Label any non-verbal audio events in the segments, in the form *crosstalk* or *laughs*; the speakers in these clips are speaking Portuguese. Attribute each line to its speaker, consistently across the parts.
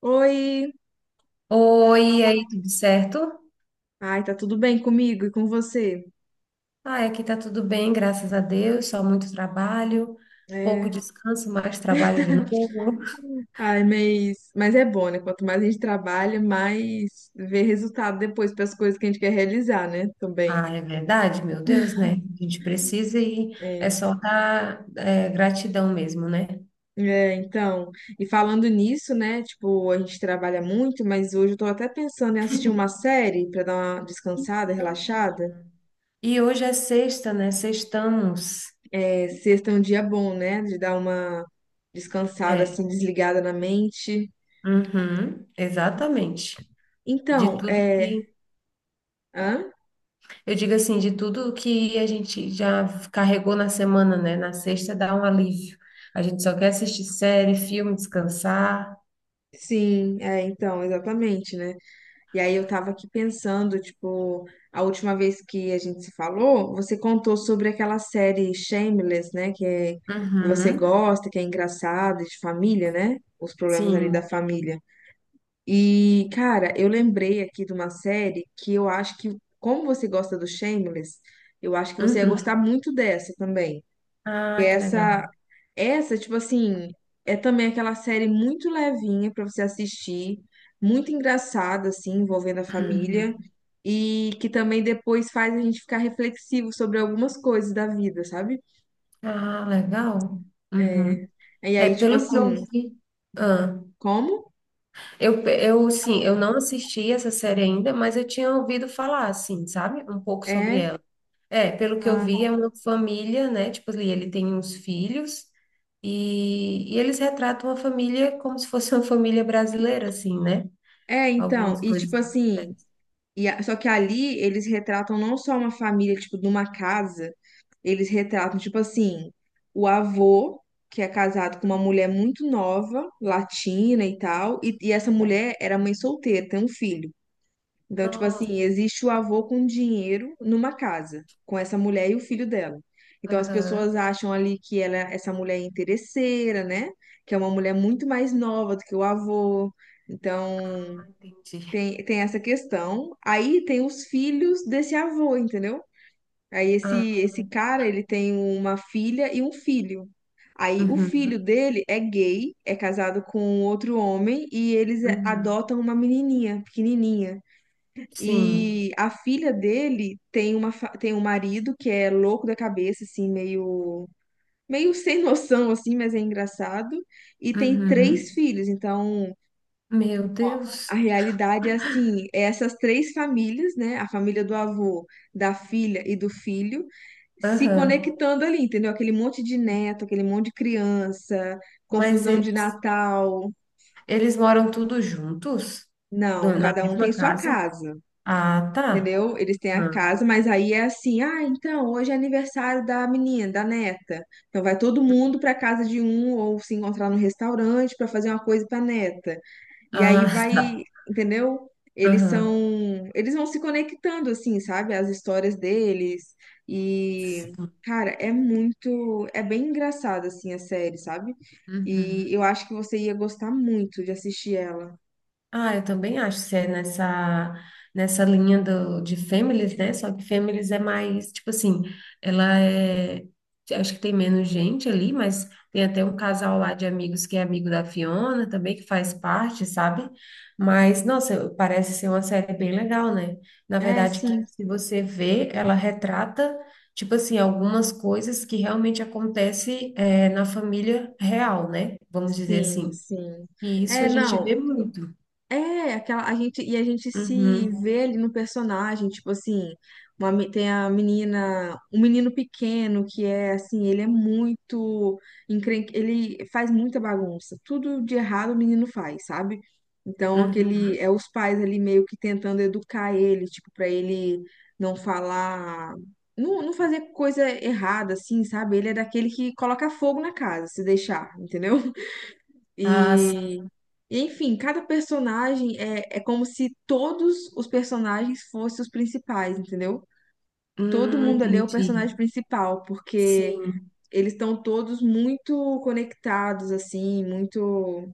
Speaker 1: Oi!
Speaker 2: Oi, e aí, tudo certo?
Speaker 1: Ai, tá tudo bem comigo e com você?
Speaker 2: Ah, aqui tá tudo bem, graças a Deus, só muito trabalho, pouco
Speaker 1: É.
Speaker 2: descanso, mais trabalho de novo.
Speaker 1: Ai, mas é bom, né? Quanto mais a gente trabalha, mais vê resultado depois para as coisas que a gente quer realizar, né? Também.
Speaker 2: Ah, é verdade, meu Deus, né? A gente precisa e é
Speaker 1: É.
Speaker 2: só dar gratidão mesmo, né?
Speaker 1: É, então, e falando nisso, né? Tipo, a gente trabalha muito, mas hoje eu tô até pensando em assistir uma série para dar uma descansada,
Speaker 2: Então,
Speaker 1: relaxada.
Speaker 2: menina. E hoje é sexta, né? Sextamos.
Speaker 1: É, sexta é um dia bom, né? De dar uma descansada,
Speaker 2: É,
Speaker 1: assim, desligada na mente.
Speaker 2: uhum, exatamente. De
Speaker 1: Então,
Speaker 2: tudo
Speaker 1: é.
Speaker 2: que.
Speaker 1: Hã?
Speaker 2: Eu digo assim, de tudo que a gente já carregou na semana, né? Na sexta dá um alívio. A gente só quer assistir série, filme, descansar.
Speaker 1: Sim, é, então, exatamente, né? E aí eu tava aqui pensando, tipo, a última vez que a gente se falou, você contou sobre aquela série Shameless, né? Que você
Speaker 2: Uhum,
Speaker 1: gosta, que é engraçada, de família, né? Os problemas ali da
Speaker 2: sim.
Speaker 1: família. E, cara, eu lembrei aqui de uma série que eu acho que, como você gosta do Shameless, eu acho que você ia gostar
Speaker 2: Uhum.
Speaker 1: muito dessa também. Que é
Speaker 2: Ah, que legal.
Speaker 1: essa, tipo assim, é também aquela série muito levinha pra você assistir, muito engraçada, assim, envolvendo a família, e que também depois faz a gente ficar reflexivo sobre algumas coisas da vida, sabe?
Speaker 2: Ah, legal.
Speaker 1: É,
Speaker 2: Uhum.
Speaker 1: e
Speaker 2: É,
Speaker 1: aí, tipo
Speaker 2: pelo que eu
Speaker 1: assim,
Speaker 2: vi. Ah,
Speaker 1: como?
Speaker 2: eu, sim, eu não assisti essa série ainda, mas eu tinha ouvido falar, assim, sabe? Um pouco sobre
Speaker 1: É,
Speaker 2: ela. É, pelo que eu
Speaker 1: ah,
Speaker 2: vi, é uma família, né? Tipo, ali ele tem uns filhos e eles retratam a família como se fosse uma família brasileira, assim, né?
Speaker 1: é, então,
Speaker 2: Algumas
Speaker 1: e
Speaker 2: coisas
Speaker 1: tipo
Speaker 2: que
Speaker 1: assim.
Speaker 2: acontecem.
Speaker 1: Só que ali eles retratam não só uma família, tipo, numa casa, eles retratam, tipo assim, o avô, que é casado com uma mulher muito nova, latina e tal, e essa mulher era mãe solteira, tem um filho. Então, tipo
Speaker 2: Nossa,
Speaker 1: assim, existe o avô com dinheiro numa casa, com essa mulher e o filho dela. Então, as
Speaker 2: aham,
Speaker 1: pessoas acham ali que ela, essa mulher é interesseira, né? Que é uma mulher muito mais nova do que o avô. Então,
Speaker 2: ah, entendi.
Speaker 1: tem essa questão. Aí tem os filhos desse avô, entendeu? Aí
Speaker 2: Ah,
Speaker 1: esse cara, ele tem uma filha e um filho. Aí o filho
Speaker 2: uhum,
Speaker 1: dele é gay, é casado com outro homem e eles
Speaker 2: uhum,
Speaker 1: adotam uma menininha, pequenininha.
Speaker 2: sim,
Speaker 1: E a filha dele tem uma, tem um marido que é louco da cabeça, assim, meio, meio *laughs* sem noção, assim, mas é engraçado. E tem três
Speaker 2: uhum.
Speaker 1: filhos, então
Speaker 2: Meu
Speaker 1: a
Speaker 2: Deus,
Speaker 1: realidade é assim, é essas três famílias, né? A família do avô, da filha e do filho, se
Speaker 2: aham.
Speaker 1: conectando ali, entendeu? Aquele monte de neto, aquele monte de criança,
Speaker 2: Mas
Speaker 1: confusão de
Speaker 2: eles,
Speaker 1: Natal.
Speaker 2: eles moram tudo juntos?
Speaker 1: Não,
Speaker 2: Do- na
Speaker 1: cada um tem
Speaker 2: mesma
Speaker 1: sua
Speaker 2: casa?
Speaker 1: casa,
Speaker 2: Ah, tá.
Speaker 1: entendeu? Eles têm a
Speaker 2: Aham.
Speaker 1: casa, mas aí é assim, ah, então hoje é aniversário da menina, da neta. Então vai todo mundo para casa de um ou se encontrar no restaurante para fazer uma coisa para neta. E aí
Speaker 2: Ah, *laughs*
Speaker 1: vai,
Speaker 2: tá.
Speaker 1: entendeu? Eles
Speaker 2: Aham.
Speaker 1: são, eles vão se conectando assim, sabe? As histórias deles e
Speaker 2: Sim.
Speaker 1: cara, é muito, é bem engraçada assim a série, sabe? E
Speaker 2: Uhum.
Speaker 1: eu acho que você ia gostar muito de assistir ela.
Speaker 2: Ah, eu também acho que é nessa, nessa linha do, de Families, né? Só que Families é mais, tipo assim, ela é. Acho que tem menos gente ali, mas tem até um casal lá de amigos que é amigo da Fiona também, que faz parte, sabe? Mas, nossa, parece ser uma série bem legal, né? Na
Speaker 1: É,
Speaker 2: verdade, que
Speaker 1: sim,
Speaker 2: se você vê, ela retrata, tipo assim, algumas coisas que realmente acontecem, na família real, né? Vamos dizer
Speaker 1: sim,
Speaker 2: assim.
Speaker 1: sim.
Speaker 2: E isso a
Speaker 1: É,
Speaker 2: gente vê
Speaker 1: não,
Speaker 2: muito.
Speaker 1: É, aquela, a gente se
Speaker 2: Uhum,
Speaker 1: vê ali no personagem, tipo assim, uma tem a menina, um menino pequeno que é assim, ele é muito ele faz muita bagunça, tudo de errado o menino faz, sabe? Então
Speaker 2: uhum.
Speaker 1: aquele é os pais ali meio que tentando educar ele, tipo, pra ele não falar, não, não fazer coisa errada assim, sabe? Ele é daquele que coloca fogo na casa, se deixar, entendeu?
Speaker 2: Ah, sim.
Speaker 1: E Enfim, cada personagem é como se todos os personagens fossem os principais, entendeu? Todo mundo ali é o
Speaker 2: Entendi.
Speaker 1: personagem principal, porque
Speaker 2: Sim.
Speaker 1: eles estão todos muito conectados, assim, muito.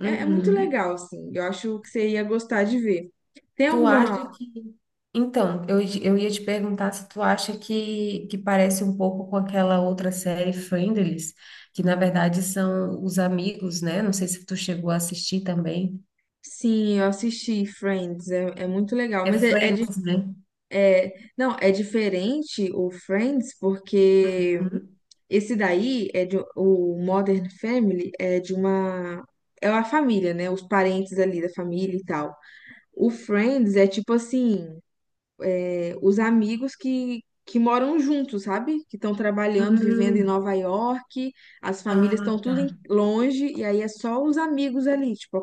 Speaker 1: É, é muito legal, assim. Eu acho que você ia gostar de ver. Tem
Speaker 2: Tu acha
Speaker 1: alguma.
Speaker 2: que. Então, eu ia te perguntar se tu acha que parece um pouco com aquela outra série Friendlies, que na verdade são os amigos, né? Não sei se tu chegou a assistir também.
Speaker 1: Sim, eu assisti Friends, é, é muito legal.
Speaker 2: É
Speaker 1: Mas é,
Speaker 2: Friends, né?
Speaker 1: Não, é diferente o Friends, porque
Speaker 2: Uhum.
Speaker 1: Esse daí é de um, o Modern Family é de uma é uma família, né? Os parentes ali da família e tal. O Friends é tipo assim, é, os amigos que moram juntos, sabe? Que estão trabalhando, vivendo em
Speaker 2: Hum.
Speaker 1: Nova York, as famílias
Speaker 2: Ah,
Speaker 1: estão tudo
Speaker 2: tá.
Speaker 1: longe e aí é só os amigos ali, tipo.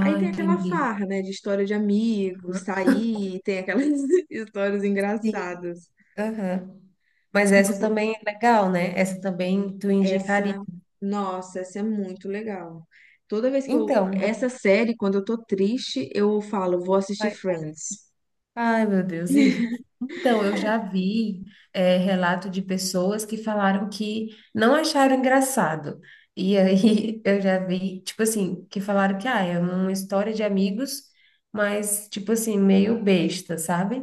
Speaker 1: Aí tem aquela
Speaker 2: entendi.
Speaker 1: farra, né? De história de amigos,
Speaker 2: Aham.
Speaker 1: sair, tem aquelas *laughs* histórias
Speaker 2: Sim.
Speaker 1: engraçadas.
Speaker 2: Aham. Mas essa também é legal, né? Essa também tu indicaria.
Speaker 1: Essa, nossa, essa é muito legal. Toda vez que eu,
Speaker 2: Então.
Speaker 1: essa série, quando eu tô triste, eu falo, vou assistir Friends.
Speaker 2: Ai, meu Deus. E, então, eu já vi relato de pessoas que falaram que não acharam engraçado. E aí *laughs* eu já vi, tipo assim, que falaram que ah, é uma história de amigos, mas, tipo assim, meio besta, sabe?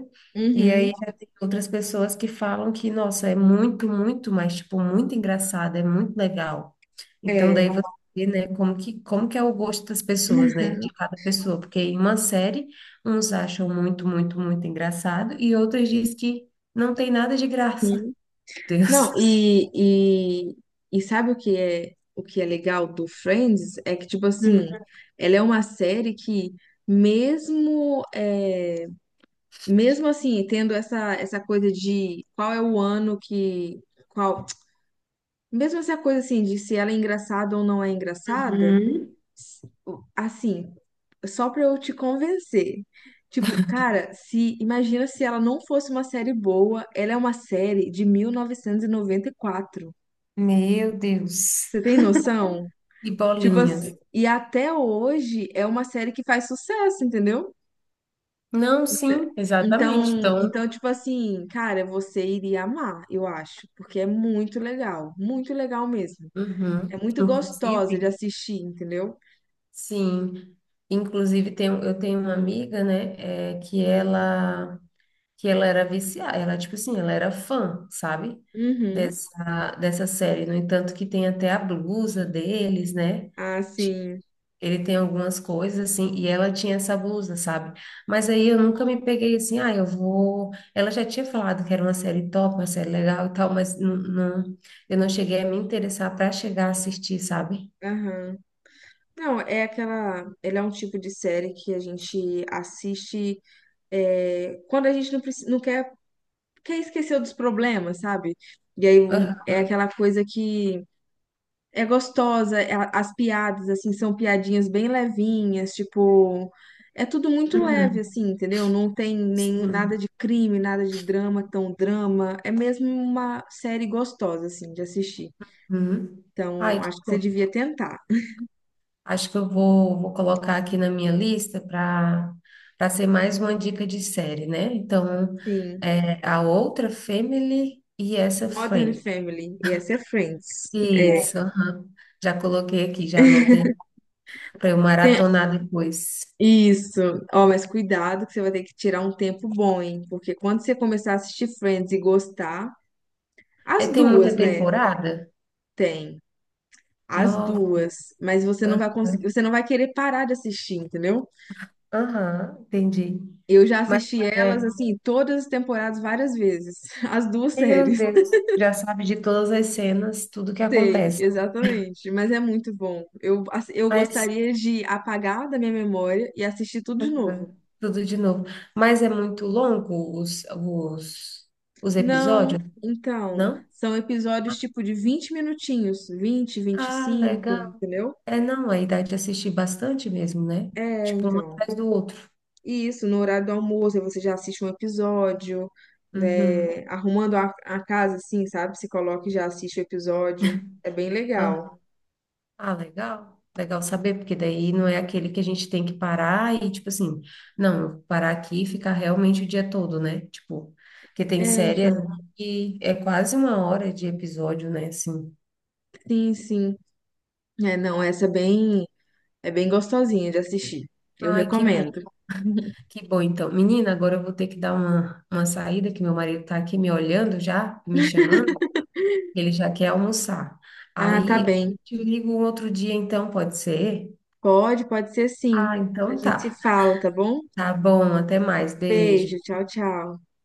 Speaker 2: E
Speaker 1: Uhum,
Speaker 2: aí já tem outras pessoas que falam que, nossa, é muito, muito, mas, tipo, muito engraçado, é muito legal. Então,
Speaker 1: é.
Speaker 2: daí você vê, né, como que é o gosto das pessoas, né, de cada pessoa, porque em uma série. Uns acham muito, muito, muito engraçado e outros dizem que não tem nada de graça.
Speaker 1: Uhum.
Speaker 2: *laughs* Deus.
Speaker 1: Não, e sabe o que é legal do Friends? É que, tipo assim,
Speaker 2: Hum.
Speaker 1: ela é uma série que, mesmo, é, mesmo assim, tendo essa, essa coisa de qual é o ano que, qual, mesmo essa coisa assim, de se ela é engraçada ou não é engraçada,
Speaker 2: Uhum.
Speaker 1: assim, só pra eu te convencer. Tipo, cara, se imagina se ela não fosse uma série boa, ela é uma série de mil novecentos e noventa e quatro.
Speaker 2: Meu Deus.
Speaker 1: Você tem noção?
Speaker 2: E
Speaker 1: Tipo
Speaker 2: bolinhas.
Speaker 1: assim, e até hoje é uma série que faz sucesso, entendeu?
Speaker 2: Não, sim, exatamente.
Speaker 1: Então,
Speaker 2: Então,
Speaker 1: então, tipo assim, cara, você iria amar, eu acho, porque é muito legal mesmo. É
Speaker 2: uhum.
Speaker 1: muito gostosa de
Speaker 2: Inclusive,
Speaker 1: assistir, entendeu?
Speaker 2: sim. Inclusive, tem, eu tenho uma amiga, né, que ela era viciada, ela, tipo assim, ela era fã, sabe?
Speaker 1: Uhum.
Speaker 2: Dessa série. No entanto, que tem até a blusa deles, né?
Speaker 1: Ah, sim.
Speaker 2: Ele tem algumas coisas assim, e ela tinha essa blusa, sabe? Mas aí eu nunca me peguei assim, ah, eu vou. Ela já tinha falado que era uma série top, uma série legal e tal, mas não, eu não cheguei a me interessar para chegar a assistir, sabe?
Speaker 1: Aham. Não, é aquela. Ele é um tipo de série que a gente assiste é, quando a gente não quer esquecer dos problemas, sabe? E aí
Speaker 2: Aham.
Speaker 1: é aquela coisa que é gostosa, as piadas, assim, são piadinhas bem levinhas, tipo. É tudo muito leve,
Speaker 2: Uhum.
Speaker 1: assim, entendeu? Não tem nem nada
Speaker 2: Sim.
Speaker 1: de crime, nada de drama, tão drama. É mesmo uma série gostosa, assim, de assistir.
Speaker 2: Uhum.
Speaker 1: Então,
Speaker 2: Ai, que
Speaker 1: acho que você
Speaker 2: bom.
Speaker 1: devia tentar.
Speaker 2: Acho que eu vou, vou colocar aqui na minha lista para para ser mais uma dica de série, né? Então,
Speaker 1: Sim.
Speaker 2: é, a outra, Family, e essa,
Speaker 1: Modern
Speaker 2: Friends.
Speaker 1: Family, e essa é Friends. É,
Speaker 2: Isso, aham. Já coloquei aqui, já anotei para eu
Speaker 1: tem-
Speaker 2: maratonar depois.
Speaker 1: isso. Ó, mas cuidado que você vai ter que tirar um tempo bom, hein? Porque quando você começar a assistir Friends e gostar,
Speaker 2: É,
Speaker 1: as
Speaker 2: tem muita
Speaker 1: duas, né?
Speaker 2: temporada?
Speaker 1: Tem. As
Speaker 2: Nossa,
Speaker 1: duas, mas você não vai conseguir,
Speaker 2: aham,
Speaker 1: você não vai querer parar de assistir, entendeu?
Speaker 2: aham, entendi.
Speaker 1: Eu já
Speaker 2: Mas,
Speaker 1: assisti elas
Speaker 2: é,
Speaker 1: assim, todas as temporadas várias vezes, *laughs* as duas
Speaker 2: meu
Speaker 1: séries.
Speaker 2: Deus, já sabe de todas as cenas, tudo que
Speaker 1: Sei,
Speaker 2: acontece.
Speaker 1: exatamente, mas é muito bom. Eu
Speaker 2: Mas,
Speaker 1: gostaria de apagar da minha memória e assistir tudo de
Speaker 2: aham,
Speaker 1: novo.
Speaker 2: tudo de novo. Mas é muito longo os, os
Speaker 1: Não,
Speaker 2: episódios,
Speaker 1: então,
Speaker 2: não?
Speaker 1: são episódios tipo de 20 minutinhos, 20, vinte e
Speaker 2: Ah,
Speaker 1: cinco,
Speaker 2: legal.
Speaker 1: entendeu?
Speaker 2: É, não, aí dá de assistir bastante mesmo, né?
Speaker 1: É,
Speaker 2: Tipo, um
Speaker 1: então.
Speaker 2: atrás do outro.
Speaker 1: E isso, no horário do almoço, aí você já assiste um episódio,
Speaker 2: Uhum.
Speaker 1: né, arrumando a casa, assim, sabe? Se coloca e já assiste o episódio. É bem legal.
Speaker 2: Ah, legal. Legal saber, porque daí não é aquele que a gente tem que parar e, tipo assim, não, eu vou parar aqui e ficar realmente o dia todo, né? Tipo, que tem
Speaker 1: É,
Speaker 2: série
Speaker 1: então.
Speaker 2: ali que é quase uma hora de episódio, né? Assim.
Speaker 1: Sim, sim. É, não, essa é bem gostosinha de assistir. Eu
Speaker 2: Ai,
Speaker 1: recomendo. *laughs*
Speaker 2: que bom então. Menina, agora eu vou ter que dar uma saída, que meu marido tá aqui me olhando já, me chamando, ele já quer almoçar.
Speaker 1: Ah, tá
Speaker 2: Aí
Speaker 1: bem.
Speaker 2: eu te ligo um outro dia, então, pode ser?
Speaker 1: Pode, pode ser sim.
Speaker 2: Ah,
Speaker 1: A
Speaker 2: então
Speaker 1: gente
Speaker 2: tá.
Speaker 1: se fala, tá bom?
Speaker 2: Tá bom, até mais.
Speaker 1: Beijo,
Speaker 2: Beijo.
Speaker 1: tchau, tchau.